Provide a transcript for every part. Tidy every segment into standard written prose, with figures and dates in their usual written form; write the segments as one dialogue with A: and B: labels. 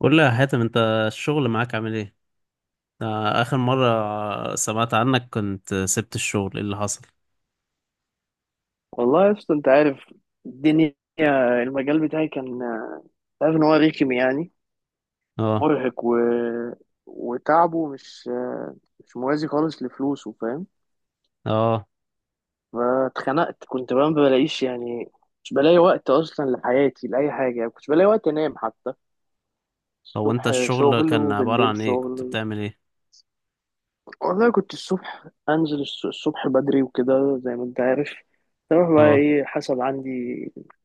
A: قول لي يا حاتم، انت الشغل معاك عامل ايه؟ آه، اخر مرة سمعت عنك كنت سبت الشغل، ايه اللي حصل؟
B: والله يا اسطى، انت عارف الدنيا. المجال بتاعي، كان انت عارف ان هو رخم، يعني
A: اه.
B: مرهق وتعبه مش موازي خالص لفلوسه، فاهم؟
A: اه.
B: فاتخنقت، كنت بقى ما بلاقيش، يعني مش بلاقي وقت اصلا لحياتي لاي حاجه. يعني كنت بلاقي وقت انام حتى؟
A: هو انت
B: الصبح
A: الشغل
B: شغل
A: كان عبارة
B: وبالليل
A: عن ايه؟ كنت
B: شغل.
A: بتعمل ايه؟
B: والله كنت الصبح انزل الصبح بدري وكده، زي ما انت عارف. اروح بقى
A: اه.
B: ايه، حسب عندي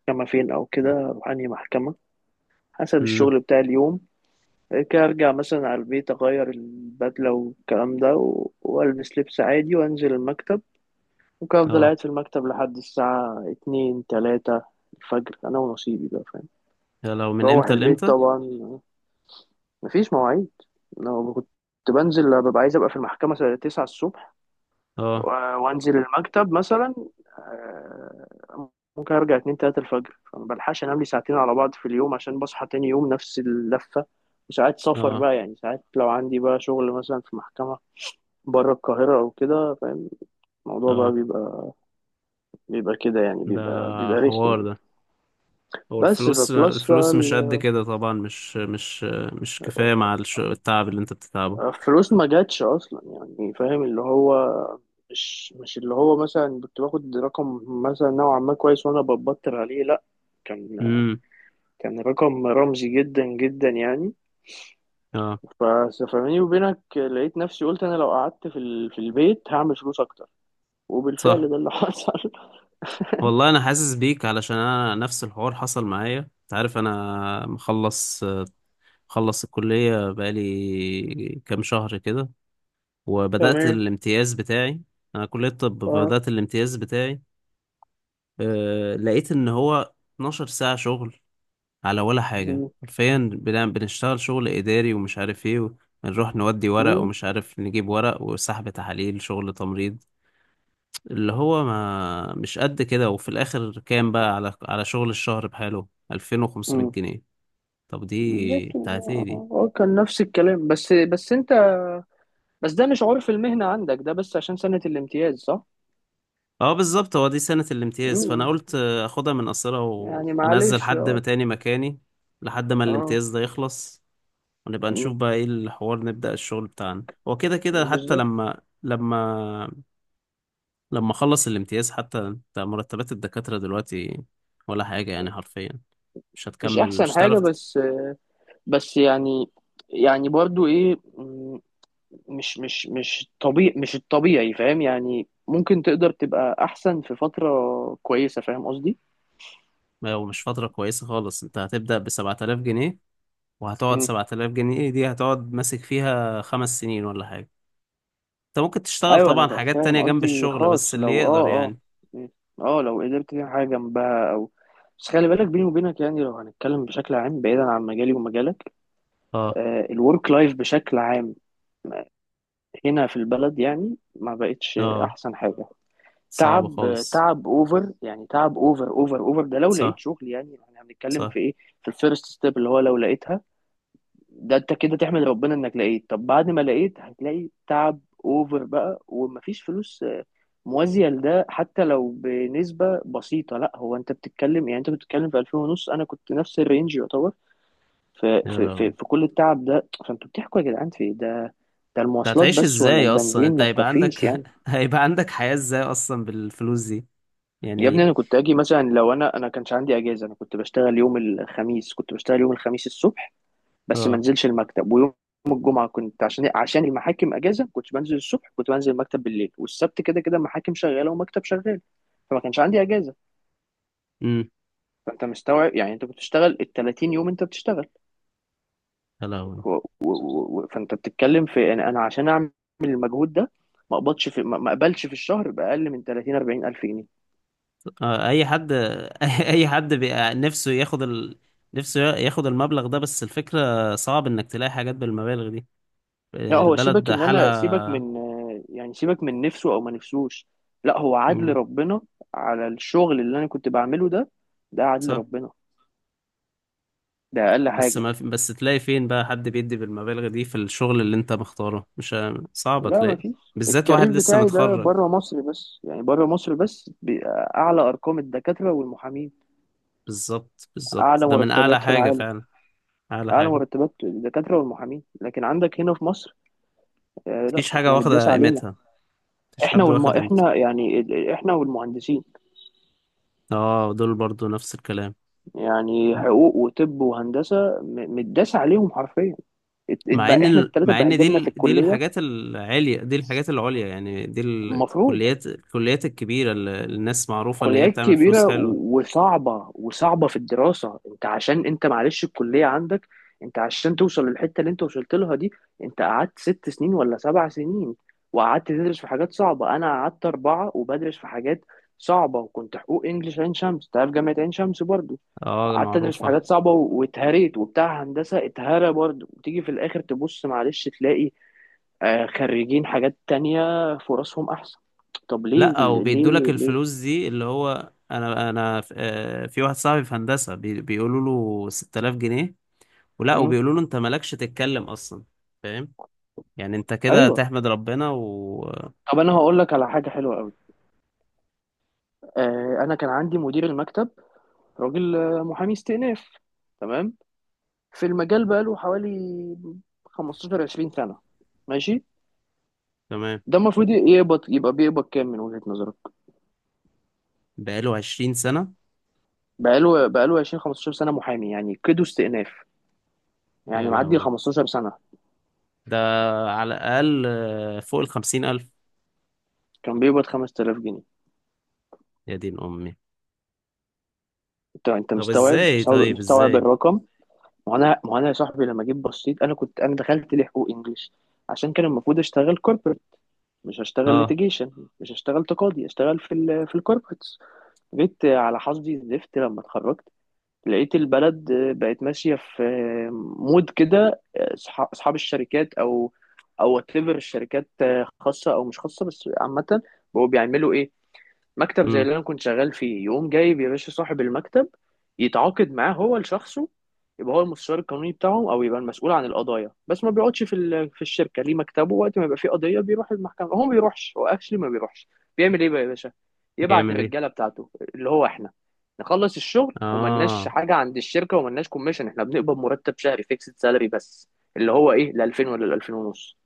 B: محكمه فين او كده، أروح انهي محكمه حسب
A: امم.
B: الشغل بتاع اليوم. بعد كده ارجع مثلا على البيت، اغير البدله والكلام ده والبس لبس عادي وانزل المكتب. ممكن افضل
A: اه.
B: قاعد في المكتب لحد الساعه اتنين تلاتة الفجر، انا ونصيبي بقى، فاهم؟
A: يا لو من
B: روح
A: امتى
B: البيت
A: لامتى؟
B: طبعا، مفيش مواعيد. لو كنت بنزل ببقى عايز ابقى في المحكمه الساعه 9 الصبح،
A: اه.
B: وانزل المكتب مثلا. آه، ممكن ارجع اتنين تلاتة الفجر، فما بلحقش انام لي ساعتين على بعض في اليوم، عشان بصحى تاني يوم نفس اللفة. وساعات سفر
A: اه.
B: بقى، يعني ساعات لو عندي بقى شغل مثلا في محكمة بره القاهرة أو كده، فاهم؟ الموضوع بقى
A: اه.
B: بيبقى كده، يعني
A: ده
B: بيبقى
A: حوار
B: رخم.
A: ده. هو
B: بس
A: الفلوس
B: فبلس بقى
A: الفلوس مش قد كده طبعا، مش كفاية مع التعب اللي انت بتتعبه.
B: الفلوس ما جاتش أصلا، يعني فاهم اللي هو. مش اللي هو مثلا كنت باخد رقم مثلا نوعا ما كويس وأنا ببطر عليه، لأ. كان
A: امم.
B: كان رقم رمزي جدا جدا، يعني.
A: اه.
B: ف- فبيني وبينك، لقيت نفسي قلت انا لو قعدت في في البيت هعمل فلوس اكتر. وبالفعل
A: صح.
B: ده اللي حصل.
A: والله انا حاسس بيك، علشان انا نفس الحوار حصل معايا. انت عارف، انا مخلص الكلية بقالي كام شهر كده، وبدأت
B: تمام.
A: الامتياز بتاعي. انا كلية طب،
B: اه.
A: بدأت الامتياز بتاعي. أه، لقيت ان هو 12 ساعة شغل على ولا حاجة
B: م-.
A: حرفيا، بنشتغل شغل اداري ومش عارف ايه، ونروح نودي ورق
B: م-.
A: ومش عارف نجيب ورق، وسحب تحاليل، شغل تمريض اللي هو ما مش قد كده. وفي الاخر كام بقى على شغل الشهر بحاله؟ 2500
B: م.
A: جنيه طب دي
B: بالظبط.
A: بتاعت ايه دي؟
B: اه، كان نفس الكلام، بس انت، بس ده مش عرف المهنة عندك ده، بس عشان سنة الامتياز، صح؟
A: اه. بالظبط، هو دي سنة الامتياز، فانا
B: م-.
A: قلت اخدها من قصيرها
B: يعني
A: وانزل
B: معلش.
A: حد ما
B: اه.
A: تاني مكاني، لحد ما
B: اه.
A: الامتياز ده يخلص، ونبقى
B: م.
A: نشوف بقى ايه الحوار. نبدأ الشغل بتاعنا، هو كده كده، حتى
B: بالظبط.
A: لما اخلص الامتياز. حتى انت، مرتبات الدكاترة دلوقتي ولا حاجة يعني حرفيا، مش
B: مش
A: هتكمل،
B: احسن
A: مش
B: حاجة،
A: هتعرف.
B: بس يعني، يعني برضو ايه؟ مش طبيعي، مش الطبيعي، فاهم؟ يعني ممكن تقدر تبقى احسن في فترة كويسة، فاهم قصدي؟
A: لو مش فترة كويسة خالص، انت هتبدأ بـ7,000 جنيه، وهتقعد
B: مم.
A: 7,000 جنيه. ايه دي؟ هتقعد ماسك فيها 5 سنين ولا حاجة. انت ممكن تشتغل
B: ايوه، انا
A: طبعا حاجات
B: فاهم
A: تانية جنب
B: قصدي،
A: الشغل، بس
B: خاص
A: اللي
B: لو، اه.
A: يقدر
B: اه.
A: يعني.
B: مم. اه، لو قدرت تعمل حاجة جنبها او... بس خلي بالك بيني وبينك، يعني لو هنتكلم بشكل عام بعيدا عن مجالي ومجالك.
A: اه.
B: آه، الورك لايف بشكل عام هنا في البلد، يعني ما بقتش
A: اه.
B: احسن حاجة.
A: صعب
B: تعب،
A: خالص.
B: تعب اوفر، يعني تعب اوفر اوفر اوفر. ده لو لقيت
A: صح.
B: شغل، يعني احنا هنتكلم
A: صح.
B: في ايه؟ في الفيرست ستيب، اللي هو لو لقيتها ده انت كده تحمد ربنا انك لقيت. طب بعد ما لقيت، هتلاقي تعب اوفر بقى ومفيش فلوس آه، موازية لده، حتى لو بنسبة بسيطة. لا، هو انت بتتكلم، يعني انت بتتكلم في 2000 ونص، انا كنت نفس الرينج يعتبر. في
A: يا
B: في
A: لهوي،
B: في, في كل التعب ده، فانتوا بتحكوا يا جدعان في إيه؟ ده ده
A: انت
B: المواصلات
A: هتعيش
B: بس ولا
A: ازاي اصلا؟
B: البنزين
A: انت
B: ما
A: هيبقى عندك
B: تكفيش، يعني.
A: هيبقى عندك حياة ازاي اصلا بالفلوس دي
B: يا ابني،
A: يعني؟
B: انا كنت اجي مثلا لو انا كانش عندي اجازة، انا كنت بشتغل يوم الخميس. كنت بشتغل يوم الخميس الصبح بس ما
A: اه.
B: انزلش المكتب، ويوم الجمعه كنت عشان إيه؟ عشان المحاكم اجازه ما كنتش بنزل الصبح، كنت بنزل المكتب بالليل. والسبت كده كده محاكم شغاله ومكتب شغال، فما كانش عندي اجازه.
A: امم.
B: فانت مستوعب يعني، انت بتشتغل ال 30 يوم انت بتشتغل.
A: يا لهوي.
B: و... و... فانت بتتكلم في، انا عشان اعمل المجهود ده ما اقبضش في، ما اقبلش في الشهر باقل من 30-40 ألف جنيه.
A: اه، اي حد اي حد بيبقى نفسه ياخد ال... نفسه ياخد المبلغ ده، بس الفكرة صعب انك تلاقي حاجات بالمبالغ دي.
B: لا،
A: آه،
B: هو سيبك
A: البلد
B: ان انا، سيبك
A: حالها.
B: من، يعني سيبك من نفسه او ما نفسوش، لا هو عدل
A: مم،
B: ربنا على الشغل اللي انا كنت بعمله ده. ده عدل
A: صح.
B: ربنا، ده اقل
A: بس
B: حاجه.
A: ما في... بس تلاقي فين بقى حد بيدي بالمبالغ دي في الشغل اللي انت مختاره؟ مش ه- صعب
B: لا،
A: تلاقي،
B: مفيش،
A: بالذات واحد
B: الكارير
A: لسه
B: بتاعي ده
A: متخرج.
B: بره مصر بس، يعني بره مصر بس اعلى ارقام الدكاتره والمحامين،
A: بالظبط، بالظبط،
B: اعلى
A: ده من اعلى
B: مرتبات في
A: حاجة
B: العالم.
A: فعلا. اعلى
B: اعلى
A: حاجة.
B: مرتبات الدكاتره والمحامين، لكن عندك هنا في مصر، آه لا
A: مفيش حاجة
B: احنا متداس
A: واخدة
B: علينا.
A: قيمتها. مفيش حد واخد قيمته.
B: احنا يعني احنا والمهندسين،
A: اه، دول برضو نفس الكلام.
B: يعني حقوق وطب وهندسه، متداس عليهم حرفيا. اتبقى احنا الثلاثه
A: مع ان دي
B: بهدلنا في
A: ال- دي
B: الكليه.
A: الحاجات العليا، دي الحاجات العليا يعني، دي
B: المفروض
A: الكليات الكبيره اللي الناس معروفه ان هي
B: كليات
A: بتعمل فلوس
B: كبيرة
A: حلوه.
B: وصعبة في الدراسة. انت عشان انت معلش الكلية عندك، انت عشان توصل للحتة اللي انت وصلت لها دي، انت قعدت ست سنين ولا سبع سنين وقعدت تدرس في حاجات صعبة. انا قعدت اربعة وبدرس في حاجات صعبة، وكنت حقوق انجليش عين شمس، تعرف جامعة عين شمس برضو.
A: اه،
B: قعدت ادرس في
A: معروفه.
B: حاجات صعبة واتهريت. وبتاع هندسة اتهرى برضو، وتيجي في الاخر تبص معلش تلاقي آه، خريجين حاجات تانية فرصهم احسن، طب ليه
A: لا، وبيدوا لك
B: ليه ليه؟
A: الفلوس دي، اللي هو انا في واحد صاحبي في هندسه بيقولوا له 6000 جنيه، ولا
B: مم.
A: وبيقولوا له انت مالكش تتكلم اصلا. فاهم؟ يعني انت كده
B: ايوه،
A: تحمد ربنا وتمام.
B: طب انا هقول لك على حاجه حلوه قوي. آه، انا كان عندي مدير المكتب، راجل آه، محامي استئناف، تمام؟ في المجال بقاله حوالي 15-20 سنة، ماشي. ده المفروض يقبض، يبقى بيقبض كام من وجهه نظرك؟
A: بقاله 20 سنه
B: بقاله 20 15 سنه محامي، يعني كده استئناف،
A: يا
B: يعني معدي
A: لهوي؟
B: 15 سنه.
A: ده على الاقل فوق ال 50,000.
B: كان بيقبض 5000 جنيه.
A: يا دين امي.
B: انت
A: طب
B: مستوعب،
A: ازاي؟
B: مستوعب
A: طيب
B: مستوعب
A: ازاي؟
B: الرقم؟ ما انا يا صاحبي، لما جيت بصيت، انا كنت، انا دخلت لحقوق انجليش عشان كان المفروض اشتغل corporate، مش هشتغل
A: اه.
B: ليتيجيشن، مش هشتغل تقاضي، هشتغل في ال، في الكوربريتس. جيت على حظي زفت لما اتخرجت، لقيت البلد بقت ماشيه في مود كده. اصحاب الشركات او وات ايفر، الشركات خاصه او مش خاصه، بس عامه، بقوا بيعملوا ايه؟ مكتب زي
A: امم.
B: اللي انا كنت شغال فيه، يقوم جايب يا باشا صاحب المكتب يتعاقد معاه هو لشخصه. يبقى هو المستشار القانوني بتاعهم، او يبقى المسؤول عن القضايا، بس ما بيقعدش في في الشركه، ليه مكتبه. وقت ما يبقى فيه قضيه بيروح المحكمه، هو ما بيروحش، هو اكشلي ما بيروحش. بيعمل ايه بقى يا باشا؟ يبعت
A: بيعمل ايه؟
B: الرجاله بتاعته اللي هو احنا، نخلص الشغل. وملناش
A: اه.
B: حاجه عند الشركه، وملناش كوميشن. احنا بنقبض مرتب شهري، فيكسد سالري بس، اللي هو ايه؟ ال 2000 ولا ال 2000 ونص.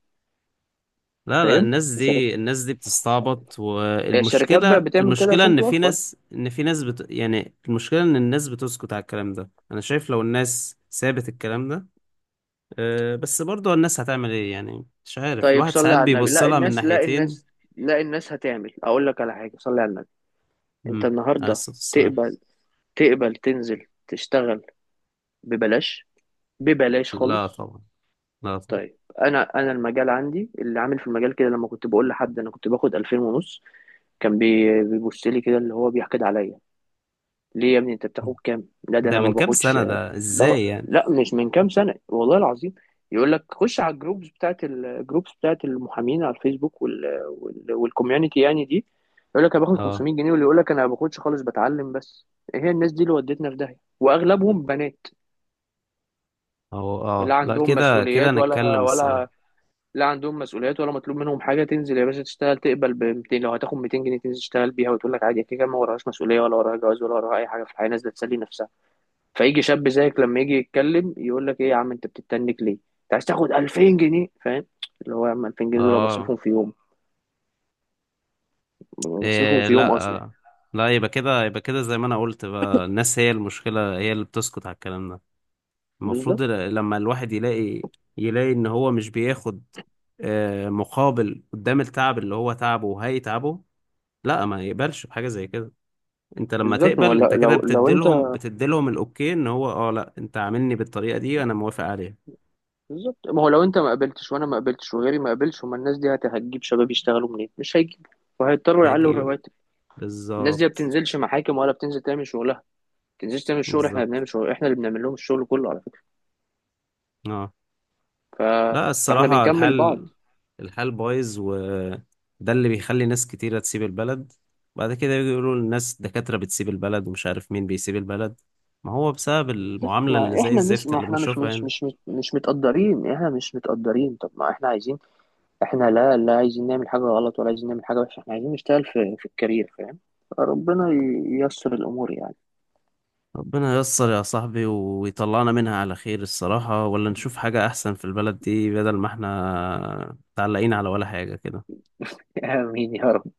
A: لا، لا،
B: فهمت؟
A: الناس
B: الشركات،
A: دي الناس دي بتستعبط.
B: الشركات بقى
A: والمشكلة
B: بتعمل كده
A: المشكلة
B: عشان
A: ان في
B: توفر.
A: ناس ان في ناس بت... يعني المشكلة ان الناس بتسكت على الكلام ده. انا شايف لو الناس سابت الكلام ده. أه، بس برضه الناس هتعمل ايه يعني؟ مش عارف،
B: طيب
A: الواحد
B: صلي
A: ساعات
B: على النبي.
A: بيبص
B: لا
A: لها من
B: الناس، لا
A: ناحيتين.
B: الناس، لا الناس هتعمل، اقول لك على حاجه، صلي على النبي. انت
A: امم. عليه
B: النهارده
A: الصلاة والسلام.
B: تقبل، تقبل تنزل تشتغل ببلاش، ببلاش
A: لا
B: خالص؟
A: طبعا، لا طبعا.
B: طيب انا المجال عندي اللي عامل في المجال كده، لما كنت بقول لحد انا كنت باخد 2000 ونص، كان بيبص لي كده اللي هو بيحقد عليا. ليه يا ابني، انت بتاخد كام؟ لا ده
A: ده
B: انا ما
A: من كام
B: باخدش.
A: سنة؟ ده
B: لا،
A: ازاي يعني؟
B: لا مش من كام سنة، والله العظيم. يقول لك خش على الجروبز بتاعت، الجروبز بتاعت المحامين على الفيسبوك، وال والكوميونتي يعني دي، يقول لك انا باخد
A: اه.
B: 500 جنيه. واللي يقول لك انا ما باخدش خالص، بتعلم بس. إيه هي الناس دي اللي ودتنا في داهية؟ واغلبهم بنات،
A: اه.
B: لا
A: اه. لا،
B: عندهم
A: كده كده
B: مسؤوليات ولا
A: نتكلم
B: ولا
A: الصراحة.
B: لا عندهم مسؤوليات ولا مطلوب منهم حاجة. تنزل يا باشا تشتغل، تقبل ب 200، لو هتاخد 200 جنيه تنزل تشتغل بيها، وتقول لك عادي، كده كده ما وراهاش مسؤولية ولا وراها جواز ولا وراها اي حاجة في الحياة، نازلة تسلي نفسها. فيجي شاب زيك لما يجي يتكلم، يقول لك ايه يا عم انت بتتنك ليه؟ انت عايز تاخد 2000 جنيه، فاهم؟ اللي هو يا عم، 2000 جنيه دول أنا
A: اه.
B: بصرفهم في يوم، بصرفهم
A: إيه؟
B: في يوم
A: لا.
B: اصلا.
A: آه، لا، يبقى كده زي ما انا قلت بقى. الناس هي المشكلة، هي اللي بتسكت على الكلام ده.
B: بالظبط،
A: المفروض لما الواحد يلاقي ان هو مش بياخد آه، مقابل قدام التعب اللي هو تعبه وهيتعبه، لا ما يقبلش بحاجة زي كده. انت لما
B: بالظبط. ما هو
A: تقبل، انت
B: لو
A: كده
B: لو لو انت،
A: بتديلهم الاوكي، ان هو اه لا، انت عاملني بالطريقة دي وانا موافق عليها.
B: بالظبط، ما هو لو انت ما قابلتش وانا ما قابلتش وغيري ما قابلش، هما الناس دي هتجيب شباب يشتغلوا منين؟ مش هيجيبوا، وهيضطروا يعلوا
A: فاجي.
B: الرواتب. الناس دي ما
A: بالظبط،
B: بتنزلش محاكم، ولا بتنزل تعمل شغلها، ما بتنزلش تعمل شغل. احنا اللي
A: بالظبط.
B: بنعمل شغل، احنا اللي بنعمل لهم الشغل كله، على فكره.
A: اه.
B: ف...
A: لا،
B: فاحنا
A: الصراحة
B: بنكمل بعض.
A: الحال بايظ، وده اللي بيخلي ناس كتيرة تسيب البلد. بعد كده يجوا يقولوا الناس دكاترة بتسيب البلد ومش عارف مين بيسيب البلد. ما هو بسبب
B: بس
A: المعاملة اللي
B: ما
A: زي
B: احنا مش،
A: الزفت
B: ما
A: اللي
B: احنا مش
A: بنشوفها
B: مش
A: هنا.
B: مش مش, مش متقدرين، احنا مش متقدرين. طب ما احنا عايزين، احنا لا، لا عايزين نعمل حاجة غلط، ولا عايزين نعمل حاجة وحشة، احنا عايزين نشتغل في، الكارير، فاهم؟ ربنا ييسر الأمور يعني.
A: ربنا ييسر يا صاحبي ويطلعنا منها على خير الصراحة، ولا نشوف حاجة أحسن في البلد دي، بدل ما احنا متعلقين على ولا حاجة كده.
B: آمين يا رب.